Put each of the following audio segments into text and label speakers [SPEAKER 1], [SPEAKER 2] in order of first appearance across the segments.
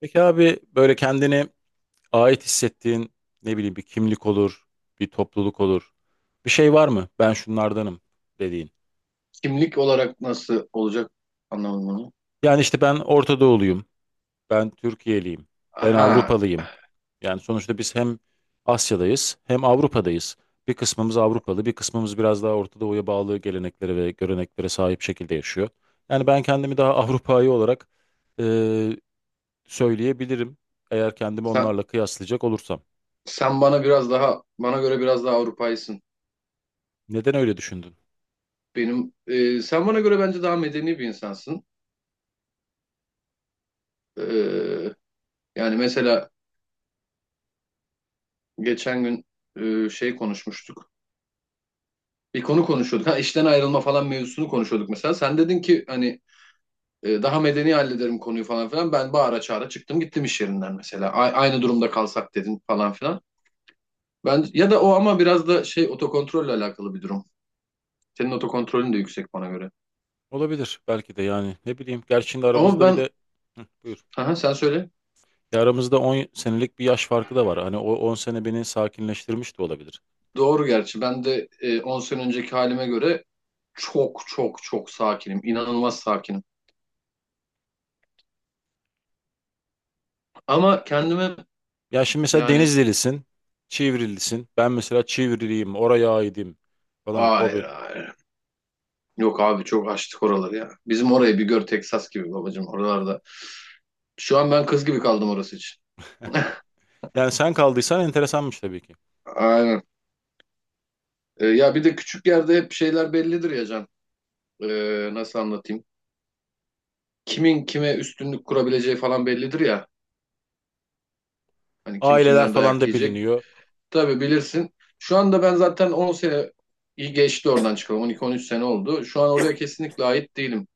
[SPEAKER 1] Peki abi böyle kendine ait hissettiğin ne bileyim bir kimlik olur, bir topluluk olur. Bir şey var mı? Ben şunlardanım dediğin.
[SPEAKER 2] Kimlik olarak nasıl olacak anlamadım onu.
[SPEAKER 1] Yani işte ben Orta Doğuluyum, ben Türkiye'liyim, ben
[SPEAKER 2] Aha,
[SPEAKER 1] Avrupalıyım. Yani sonuçta biz hem Asya'dayız hem Avrupa'dayız. Bir kısmımız Avrupalı, bir kısmımız biraz daha Orta Doğu'ya bağlı geleneklere ve göreneklere sahip şekilde yaşıyor. Yani ben kendimi daha Avrupa'yı olarak eee, söyleyebilirim eğer kendimi
[SPEAKER 2] sen,
[SPEAKER 1] onlarla kıyaslayacak olursam.
[SPEAKER 2] sen bana biraz daha, bana göre biraz daha Avrupaysın.
[SPEAKER 1] Neden öyle düşündün?
[SPEAKER 2] Benim, sen bana göre bence daha medeni bir insansın. E, Yani mesela geçen gün şey konuşmuştuk. Bir konu konuşuyorduk. Ha, işten ayrılma falan mevzusunu konuşuyorduk mesela. Sen dedin ki hani daha medeni hallederim konuyu falan filan. Ben bağıra çağıra çıktım gittim iş yerinden mesela. Aynı durumda kalsak dedin falan filan. Ben, ya da o ama biraz da şey otokontrolle alakalı bir durum. Senin otokontrolün de yüksek bana göre.
[SPEAKER 1] Olabilir belki de yani ne bileyim. Gerçi şimdi
[SPEAKER 2] Ama
[SPEAKER 1] aramızda bir
[SPEAKER 2] ben,
[SPEAKER 1] de Hı, buyur.
[SPEAKER 2] aha, sen söyle.
[SPEAKER 1] Ya aramızda 10 senelik bir yaş farkı da var. Hani o 10 sene beni sakinleştirmiş de olabilir.
[SPEAKER 2] Doğru gerçi. Ben de 10 sene önceki halime göre çok çok çok sakinim. İnanılmaz sakinim. Ama kendime
[SPEAKER 1] Ya şimdi mesela
[SPEAKER 2] yani
[SPEAKER 1] Denizlilisin, Çivrilisin. Ben mesela Çivriliyim, oraya aidim falan. O
[SPEAKER 2] hayır
[SPEAKER 1] bir...
[SPEAKER 2] hayır. Yok abi çok açtık oraları ya. Bizim orayı bir gör Texas gibi babacığım oralarda. Şu an ben kız gibi kaldım orası için.
[SPEAKER 1] Yani sen kaldıysan enteresanmış tabii ki.
[SPEAKER 2] Aynen. Ya bir de küçük yerde hep şeyler bellidir ya Can. E, Nasıl anlatayım? Kimin kime üstünlük kurabileceği falan bellidir ya. Hani kim
[SPEAKER 1] Aileler
[SPEAKER 2] kimden
[SPEAKER 1] falan
[SPEAKER 2] dayak
[SPEAKER 1] da
[SPEAKER 2] yiyecek.
[SPEAKER 1] biliniyor.
[SPEAKER 2] Tabii bilirsin. Şu anda ben zaten 10 sene iyi geçti oradan çıkalım. 12-13 sene oldu. Şu an oraya kesinlikle ait değilim.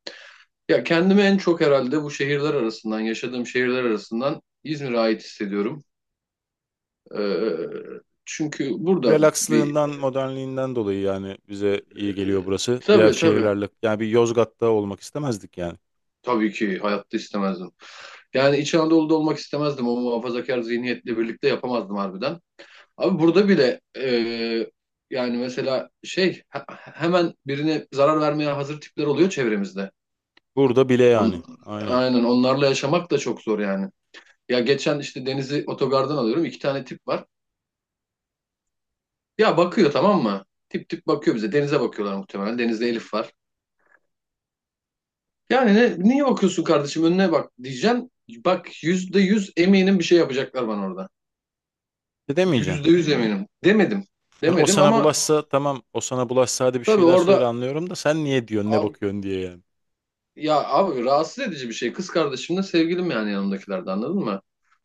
[SPEAKER 2] Ya kendimi en çok herhalde bu şehirler arasından, yaşadığım şehirler arasından İzmir'e ait hissediyorum. Çünkü burada
[SPEAKER 1] Relakslığından,
[SPEAKER 2] bir...
[SPEAKER 1] modernliğinden dolayı yani bize iyi geliyor
[SPEAKER 2] e,
[SPEAKER 1] burası. Diğer
[SPEAKER 2] tabii tabii.
[SPEAKER 1] şehirlerle yani bir Yozgat'ta olmak istemezdik yani.
[SPEAKER 2] Tabii ki hayatta istemezdim. Yani İç Anadolu'da olmak istemezdim. O muhafazakar zihniyetle birlikte yapamazdım harbiden. Abi burada bile yani mesela şey hemen birine zarar vermeye hazır tipler oluyor çevremizde.
[SPEAKER 1] Burada bile yani.
[SPEAKER 2] On,
[SPEAKER 1] Aynen.
[SPEAKER 2] aynen onlarla yaşamak da çok zor yani. Ya geçen işte Deniz'i otogardan alıyorum. İki tane tip var. Ya bakıyor tamam mı? Tip tip bakıyor bize. Deniz'e bakıyorlar muhtemelen. Deniz'de Elif var. Yani niye bakıyorsun kardeşim önüne bak diyeceksin. Bak yüzde yüz eminim bir şey yapacaklar bana orada.
[SPEAKER 1] Ne demeyeceksin?
[SPEAKER 2] Yüzde yüz eminim. Demedim.
[SPEAKER 1] Hani o
[SPEAKER 2] Demedim
[SPEAKER 1] sana
[SPEAKER 2] ama
[SPEAKER 1] bulaşsa tamam, o sana bulaşsa hadi bir
[SPEAKER 2] tabii
[SPEAKER 1] şeyler söyle,
[SPEAKER 2] orada.
[SPEAKER 1] anlıyorum da sen niye diyorsun ne bakıyorsun diye yani.
[SPEAKER 2] Ya abi rahatsız edici bir şey. Kız kardeşimle sevgilim yani yanımdakilerde anladın mı?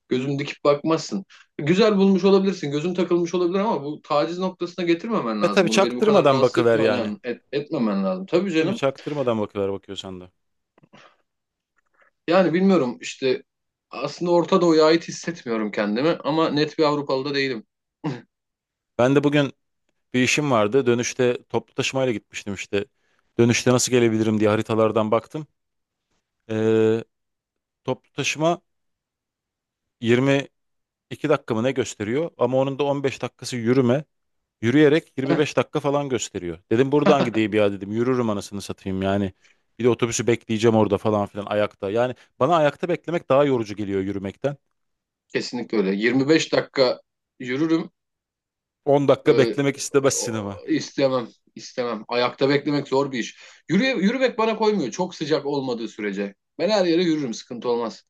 [SPEAKER 2] Gözünü dikip bakmazsın. Güzel bulmuş olabilirsin. Gözün takılmış olabilir ama bu taciz noktasına getirmemen
[SPEAKER 1] E
[SPEAKER 2] lazım.
[SPEAKER 1] tabii
[SPEAKER 2] Bunu beni bu kadar
[SPEAKER 1] çaktırmadan
[SPEAKER 2] rahatsız
[SPEAKER 1] bakıver yani.
[SPEAKER 2] etmeden etmemen lazım. Tabii
[SPEAKER 1] Değil mi?
[SPEAKER 2] canım.
[SPEAKER 1] Çaktırmadan bakıver bakıyorsan da.
[SPEAKER 2] Yani bilmiyorum işte aslında Orta Doğu'ya ait hissetmiyorum kendimi ama net bir Avrupalı da değilim.
[SPEAKER 1] Ben de bugün bir işim vardı. Dönüşte toplu taşımayla gitmiştim işte. Dönüşte nasıl gelebilirim diye haritalardan baktım. Ee, Toplu taşıma 22 dakika mı ne gösteriyor? Ama onun da 15 dakikası yürüme. Yürüyerek 25 dakika falan gösteriyor. Dedim buradan gideyim ya dedim. Yürürüm anasını satayım yani. Bir de otobüsü bekleyeceğim orada falan filan ayakta. Yani bana ayakta beklemek daha yorucu geliyor yürümekten.
[SPEAKER 2] Kesinlikle öyle. 25 dakika yürürüm.
[SPEAKER 1] 10 dakika
[SPEAKER 2] Ee,
[SPEAKER 1] beklemek istemezsin ama.
[SPEAKER 2] istemem, istemem. Ayakta beklemek zor bir iş. Yürümek bana koymuyor. Çok sıcak olmadığı sürece. Ben her yere yürürüm, sıkıntı olmaz.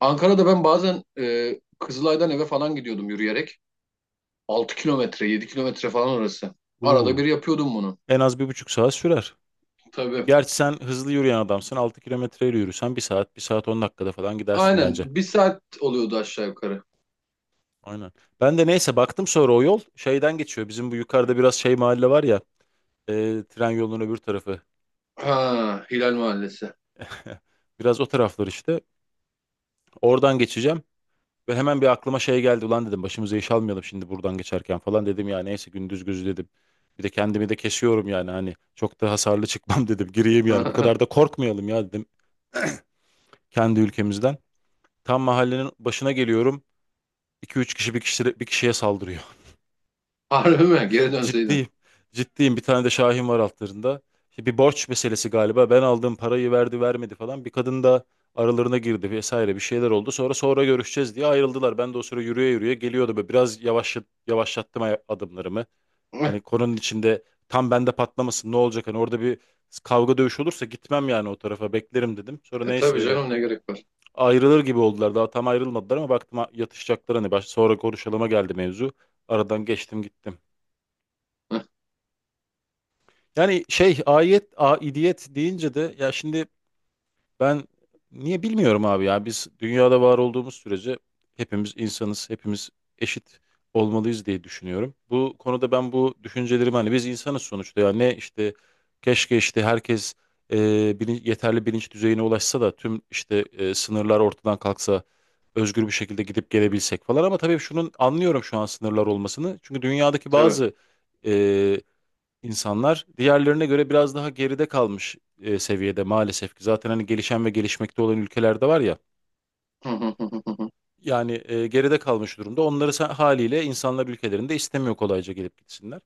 [SPEAKER 2] Ankara'da ben bazen Kızılay'dan eve falan gidiyordum yürüyerek. 6 kilometre, 7 kilometre falan orası. Arada bir
[SPEAKER 1] Uuu.
[SPEAKER 2] yapıyordum bunu.
[SPEAKER 1] En az bir buçuk saat sürer.
[SPEAKER 2] Tabii.
[SPEAKER 1] Gerçi sen hızlı yürüyen adamsın. 6 kilometreyle yürüsen bir saat, bir saat 10 dakikada falan gidersin
[SPEAKER 2] Aynen.
[SPEAKER 1] bence.
[SPEAKER 2] Bir saat oluyordu aşağı yukarı.
[SPEAKER 1] Aynen. Ben de neyse baktım sonra o yol şeyden geçiyor. Bizim bu yukarıda biraz şey mahalle var ya. Tren yolunun öbür tarafı.
[SPEAKER 2] Ha, Hilal Mahallesi.
[SPEAKER 1] Biraz o taraflar işte. Oradan geçeceğim. Ve hemen bir aklıma şey geldi. Ulan dedim başımıza iş almayalım şimdi buradan geçerken falan dedim, ya neyse gündüz gözü dedim. Bir de kendimi de kesiyorum yani, hani çok da hasarlı çıkmam dedim. Gireyim yani, bu kadar da korkmayalım ya dedim kendi ülkemizden. Tam mahallenin başına geliyorum. İki üç kişi bir kişi bir kişiye saldırıyor.
[SPEAKER 2] Harbi mi? Geri dönseydin.
[SPEAKER 1] Ciddiyim. Ciddiyim. Bir tane de Şahin var altlarında. İşte bir borç meselesi galiba. Ben aldığım parayı verdi vermedi falan. Bir kadın da aralarına girdi vesaire, bir şeyler oldu. Sonra görüşeceğiz diye ayrıldılar. Ben de o sıra yürüye yürüye geliyordu. Böyle biraz yavaşlattım adımlarımı. Hani konunun içinde tam bende patlamasın, ne olacak? Hani orada bir kavga dövüş olursa gitmem yani o tarafa, beklerim dedim. Sonra neyse
[SPEAKER 2] Tabii
[SPEAKER 1] öyle
[SPEAKER 2] canım ne gerek var.
[SPEAKER 1] ayrılır gibi oldular. Daha tam ayrılmadılar ama baktım yatışacaklar, hani sonra konuşalıma geldi mevzu. Aradan geçtim gittim. Yani şey aidiyet deyince de ya şimdi ben niye bilmiyorum abi, ya biz dünyada var olduğumuz sürece hepimiz insanız, hepimiz eşit olmalıyız diye düşünüyorum. Bu konuda ben bu düşüncelerimi, hani biz insanız sonuçta ya, ne işte keşke işte herkes e, yeterli bilinç düzeyine ulaşsa da tüm işte sınırlar ortadan kalksa, özgür bir şekilde gidip gelebilsek falan, ama tabii şunun anlıyorum şu an sınırlar olmasını çünkü dünyadaki
[SPEAKER 2] Tabii.
[SPEAKER 1] bazı e, İnsanlar diğerlerine göre biraz daha geride kalmış seviyede maalesef ki. Zaten hani gelişen ve gelişmekte olan ülkelerde var ya. Yani geride kalmış durumda. Onları haliyle insanlar ülkelerinde istemiyor kolayca gelip gitsinler.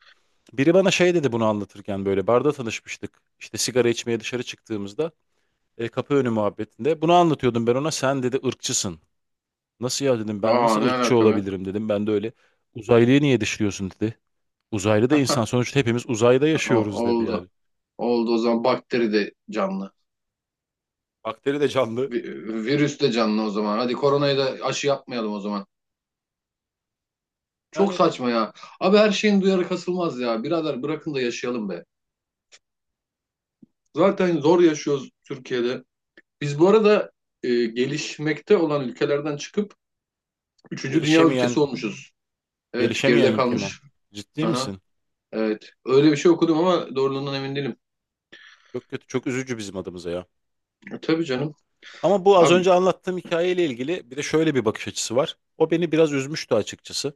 [SPEAKER 1] Biri bana şey dedi bunu anlatırken, böyle barda tanışmıştık. İşte sigara içmeye dışarı çıktığımızda kapı önü muhabbetinde. Bunu anlatıyordum ben ona, sen dedi ırkçısın. Nasıl ya dedim, ben
[SPEAKER 2] Aa
[SPEAKER 1] nasıl
[SPEAKER 2] ne
[SPEAKER 1] ırkçı
[SPEAKER 2] alaka be?
[SPEAKER 1] olabilirim dedim. Ben de öyle, uzaylıyı niye dışlıyorsun dedi. Uzaylı da insan sonuçta, hepimiz uzayda yaşıyoruz dedi
[SPEAKER 2] Oldu.
[SPEAKER 1] yani.
[SPEAKER 2] Oldu o zaman bakteri de canlı.
[SPEAKER 1] Bakteri de canlı.
[SPEAKER 2] Vi- Virüs de canlı o zaman. Hadi koronayı da aşı yapmayalım o zaman. Çok
[SPEAKER 1] Yani
[SPEAKER 2] saçma ya. Abi her şeyin duyarı kasılmaz ya. Birader bırakın da yaşayalım be. Zaten zor yaşıyoruz Türkiye'de. Biz bu arada gelişmekte olan ülkelerden çıkıp üçüncü dünya
[SPEAKER 1] gelişemeyen,
[SPEAKER 2] ülkesi olmuşuz. Evet
[SPEAKER 1] gelişemeyen
[SPEAKER 2] geride
[SPEAKER 1] ülke mi o?
[SPEAKER 2] kalmış.
[SPEAKER 1] Ciddi
[SPEAKER 2] Aha,
[SPEAKER 1] misin?
[SPEAKER 2] evet. Öyle bir şey okudum ama doğruluğundan emin değilim.
[SPEAKER 1] Çok kötü, çok üzücü bizim adımıza ya.
[SPEAKER 2] Tabii canım.
[SPEAKER 1] Ama bu az önce
[SPEAKER 2] Abi
[SPEAKER 1] anlattığım hikayeyle ilgili bir de şöyle bir bakış açısı var. O beni biraz üzmüştü açıkçası.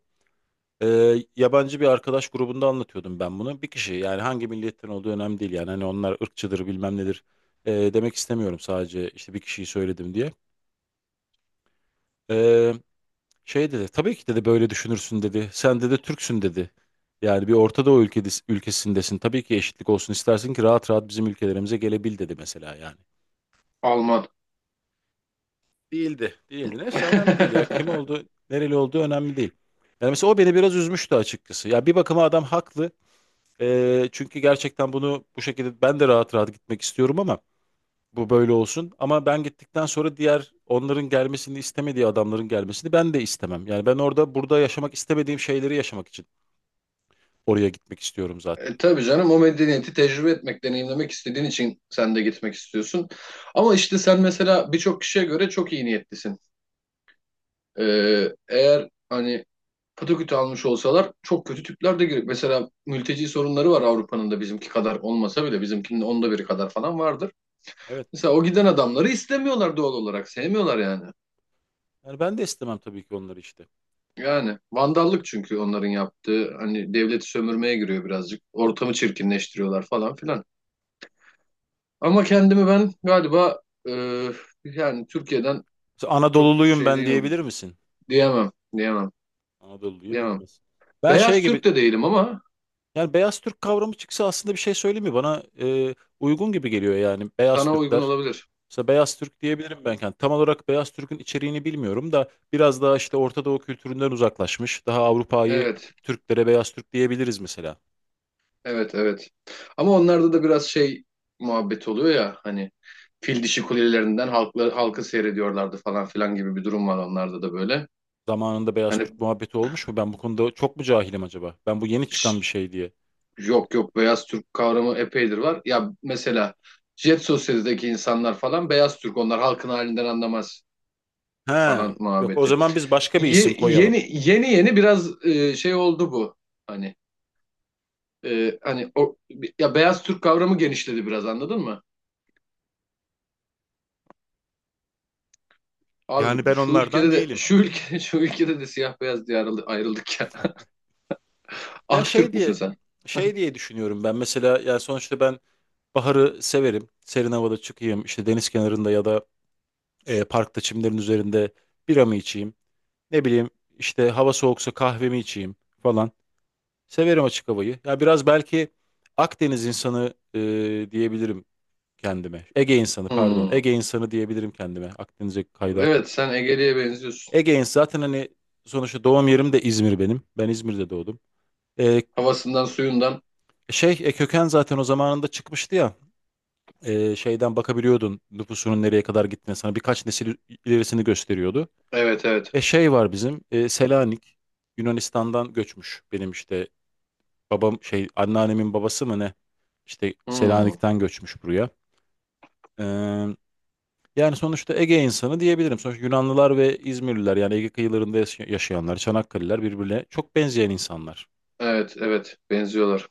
[SPEAKER 1] Ee, Yabancı bir arkadaş grubunda anlatıyordum ben bunu. Bir kişi, yani hangi milletten olduğu önemli değil yani, hani onlar ırkçıdır bilmem nedir demek istemiyorum, sadece işte bir kişiyi söyledim diye. Ee, Şey dedi, tabii ki dedi böyle düşünürsün dedi. Sen dedi Türksün dedi. Yani bir Orta Doğu ülkesindesin. Tabii ki eşitlik olsun istersin ki rahat rahat bizim ülkelerimize gelebil dedi mesela yani.
[SPEAKER 2] Alman.
[SPEAKER 1] Değildi. Değildi. Neyse önemli değil ya. Kim oldu, nereli olduğu önemli değil. Yani mesela o beni biraz üzmüştü açıkçası. Ya bir bakıma adam haklı. Çünkü gerçekten bunu bu şekilde ben de rahat rahat gitmek istiyorum ama bu böyle olsun. Ama ben gittikten sonra diğer, onların gelmesini istemediği adamların gelmesini ben de istemem. Yani ben orada burada yaşamak istemediğim şeyleri yaşamak için Oraya gitmek istiyorum zaten.
[SPEAKER 2] Tabii canım o medeniyeti tecrübe etmek, deneyimlemek istediğin için sen de gitmek istiyorsun. Ama işte sen mesela birçok kişiye göre çok iyi niyetlisin. E, Eğer hani patakütü almış olsalar çok kötü tipler de girip mesela mülteci sorunları var Avrupa'nın da bizimki kadar olmasa bile bizimkinin onda biri kadar falan vardır.
[SPEAKER 1] Evet.
[SPEAKER 2] Mesela o giden adamları istemiyorlar doğal olarak sevmiyorlar yani.
[SPEAKER 1] Yani ben de istemem tabii ki onları işte.
[SPEAKER 2] Yani vandallık çünkü onların yaptığı hani devleti sömürmeye giriyor birazcık. Ortamı çirkinleştiriyorlar falan filan. Ama kendimi ben galiba e, yani Türkiye'den
[SPEAKER 1] Mesela
[SPEAKER 2] çok
[SPEAKER 1] Anadoluluyum
[SPEAKER 2] şey
[SPEAKER 1] ben
[SPEAKER 2] değilim.
[SPEAKER 1] diyebilir misin?
[SPEAKER 2] Diyemem, diyemem,
[SPEAKER 1] Anadoluluyum
[SPEAKER 2] diyemem.
[SPEAKER 1] diyemezsin. Ben şey
[SPEAKER 2] Beyaz Türk
[SPEAKER 1] gibi
[SPEAKER 2] de değilim ama
[SPEAKER 1] yani, beyaz Türk kavramı çıksa aslında, bir şey söyleyeyim, Bana uygun gibi geliyor yani beyaz
[SPEAKER 2] sana uygun
[SPEAKER 1] Türkler.
[SPEAKER 2] olabilir.
[SPEAKER 1] Mesela beyaz Türk diyebilirim ben. Yani tam olarak beyaz Türk'ün içeriğini bilmiyorum da biraz daha işte Orta Doğu kültüründen uzaklaşmış, daha Avrupa'yı
[SPEAKER 2] Evet,
[SPEAKER 1] Türklere beyaz Türk diyebiliriz mesela.
[SPEAKER 2] evet, evet. Ama onlarda da biraz şey muhabbet oluyor ya hani fil dişi kulelerinden halkı, halkı seyrediyorlardı falan filan gibi bir durum var onlarda da böyle.
[SPEAKER 1] Zamanında beyaz Türk
[SPEAKER 2] Hani
[SPEAKER 1] muhabbeti olmuş mu? Ben bu konuda çok mu cahilim acaba? Ben bu yeni çıkan bir
[SPEAKER 2] şş,
[SPEAKER 1] şey diye.
[SPEAKER 2] yok yok beyaz Türk kavramı epeydir var. Ya mesela Jet Sosyete'deki insanlar falan beyaz Türk onlar halkın halinden anlamaz.
[SPEAKER 1] He,
[SPEAKER 2] Falan
[SPEAKER 1] yok o
[SPEAKER 2] muhabbeti.
[SPEAKER 1] zaman biz başka bir isim koyalım.
[SPEAKER 2] Yeni yeni yeni biraz şey oldu bu. Hani hani o ya beyaz Türk kavramı genişledi biraz anladın mı?
[SPEAKER 1] Yani
[SPEAKER 2] Abi
[SPEAKER 1] ben
[SPEAKER 2] şu
[SPEAKER 1] onlardan
[SPEAKER 2] ülkede de
[SPEAKER 1] değilim.
[SPEAKER 2] şu ülke şu ülkede de siyah beyaz diye ayrıldık ya.
[SPEAKER 1] Ya
[SPEAKER 2] Aktürk müsün sen?
[SPEAKER 1] şey diye düşünüyorum ben. Mesela yani sonuçta ben baharı severim. Serin havada çıkayım, işte deniz kenarında ya da parkta çimlerin üzerinde biramı içeyim. Ne bileyim işte, hava soğuksa kahvemi içeyim falan. Severim açık havayı. Ya biraz belki Akdeniz insanı diyebilirim kendime. Ege insanı pardon.
[SPEAKER 2] Hmm.
[SPEAKER 1] Ege insanı diyebilirim kendime. Akdeniz'e kaydı aklım.
[SPEAKER 2] Evet sen Ege'liye benziyorsun.
[SPEAKER 1] Ege'in zaten, hani sonuçta doğum yerim de İzmir benim. Ben İzmir'de doğdum. Ee,
[SPEAKER 2] Havasından suyundan.
[SPEAKER 1] Şey köken zaten o zamanında çıkmıştı ya. Şeyden bakabiliyordun nüfusunun nereye kadar gittiğine, sana birkaç nesil ilerisini gösteriyordu.
[SPEAKER 2] Evet evet.
[SPEAKER 1] Şey var bizim, Selanik, Yunanistan'dan göçmüş benim işte babam şey anneannemin babası mı ne, işte
[SPEAKER 2] Hmm.
[SPEAKER 1] Selanik'ten göçmüş buraya. Ee, Yani sonuçta Ege insanı diyebilirim. Sonuçta Yunanlılar ve İzmirliler yani Ege kıyılarında yaşayanlar, Çanakkale'liler birbirine çok benzeyen insanlar.
[SPEAKER 2] Evet evet benziyorlar.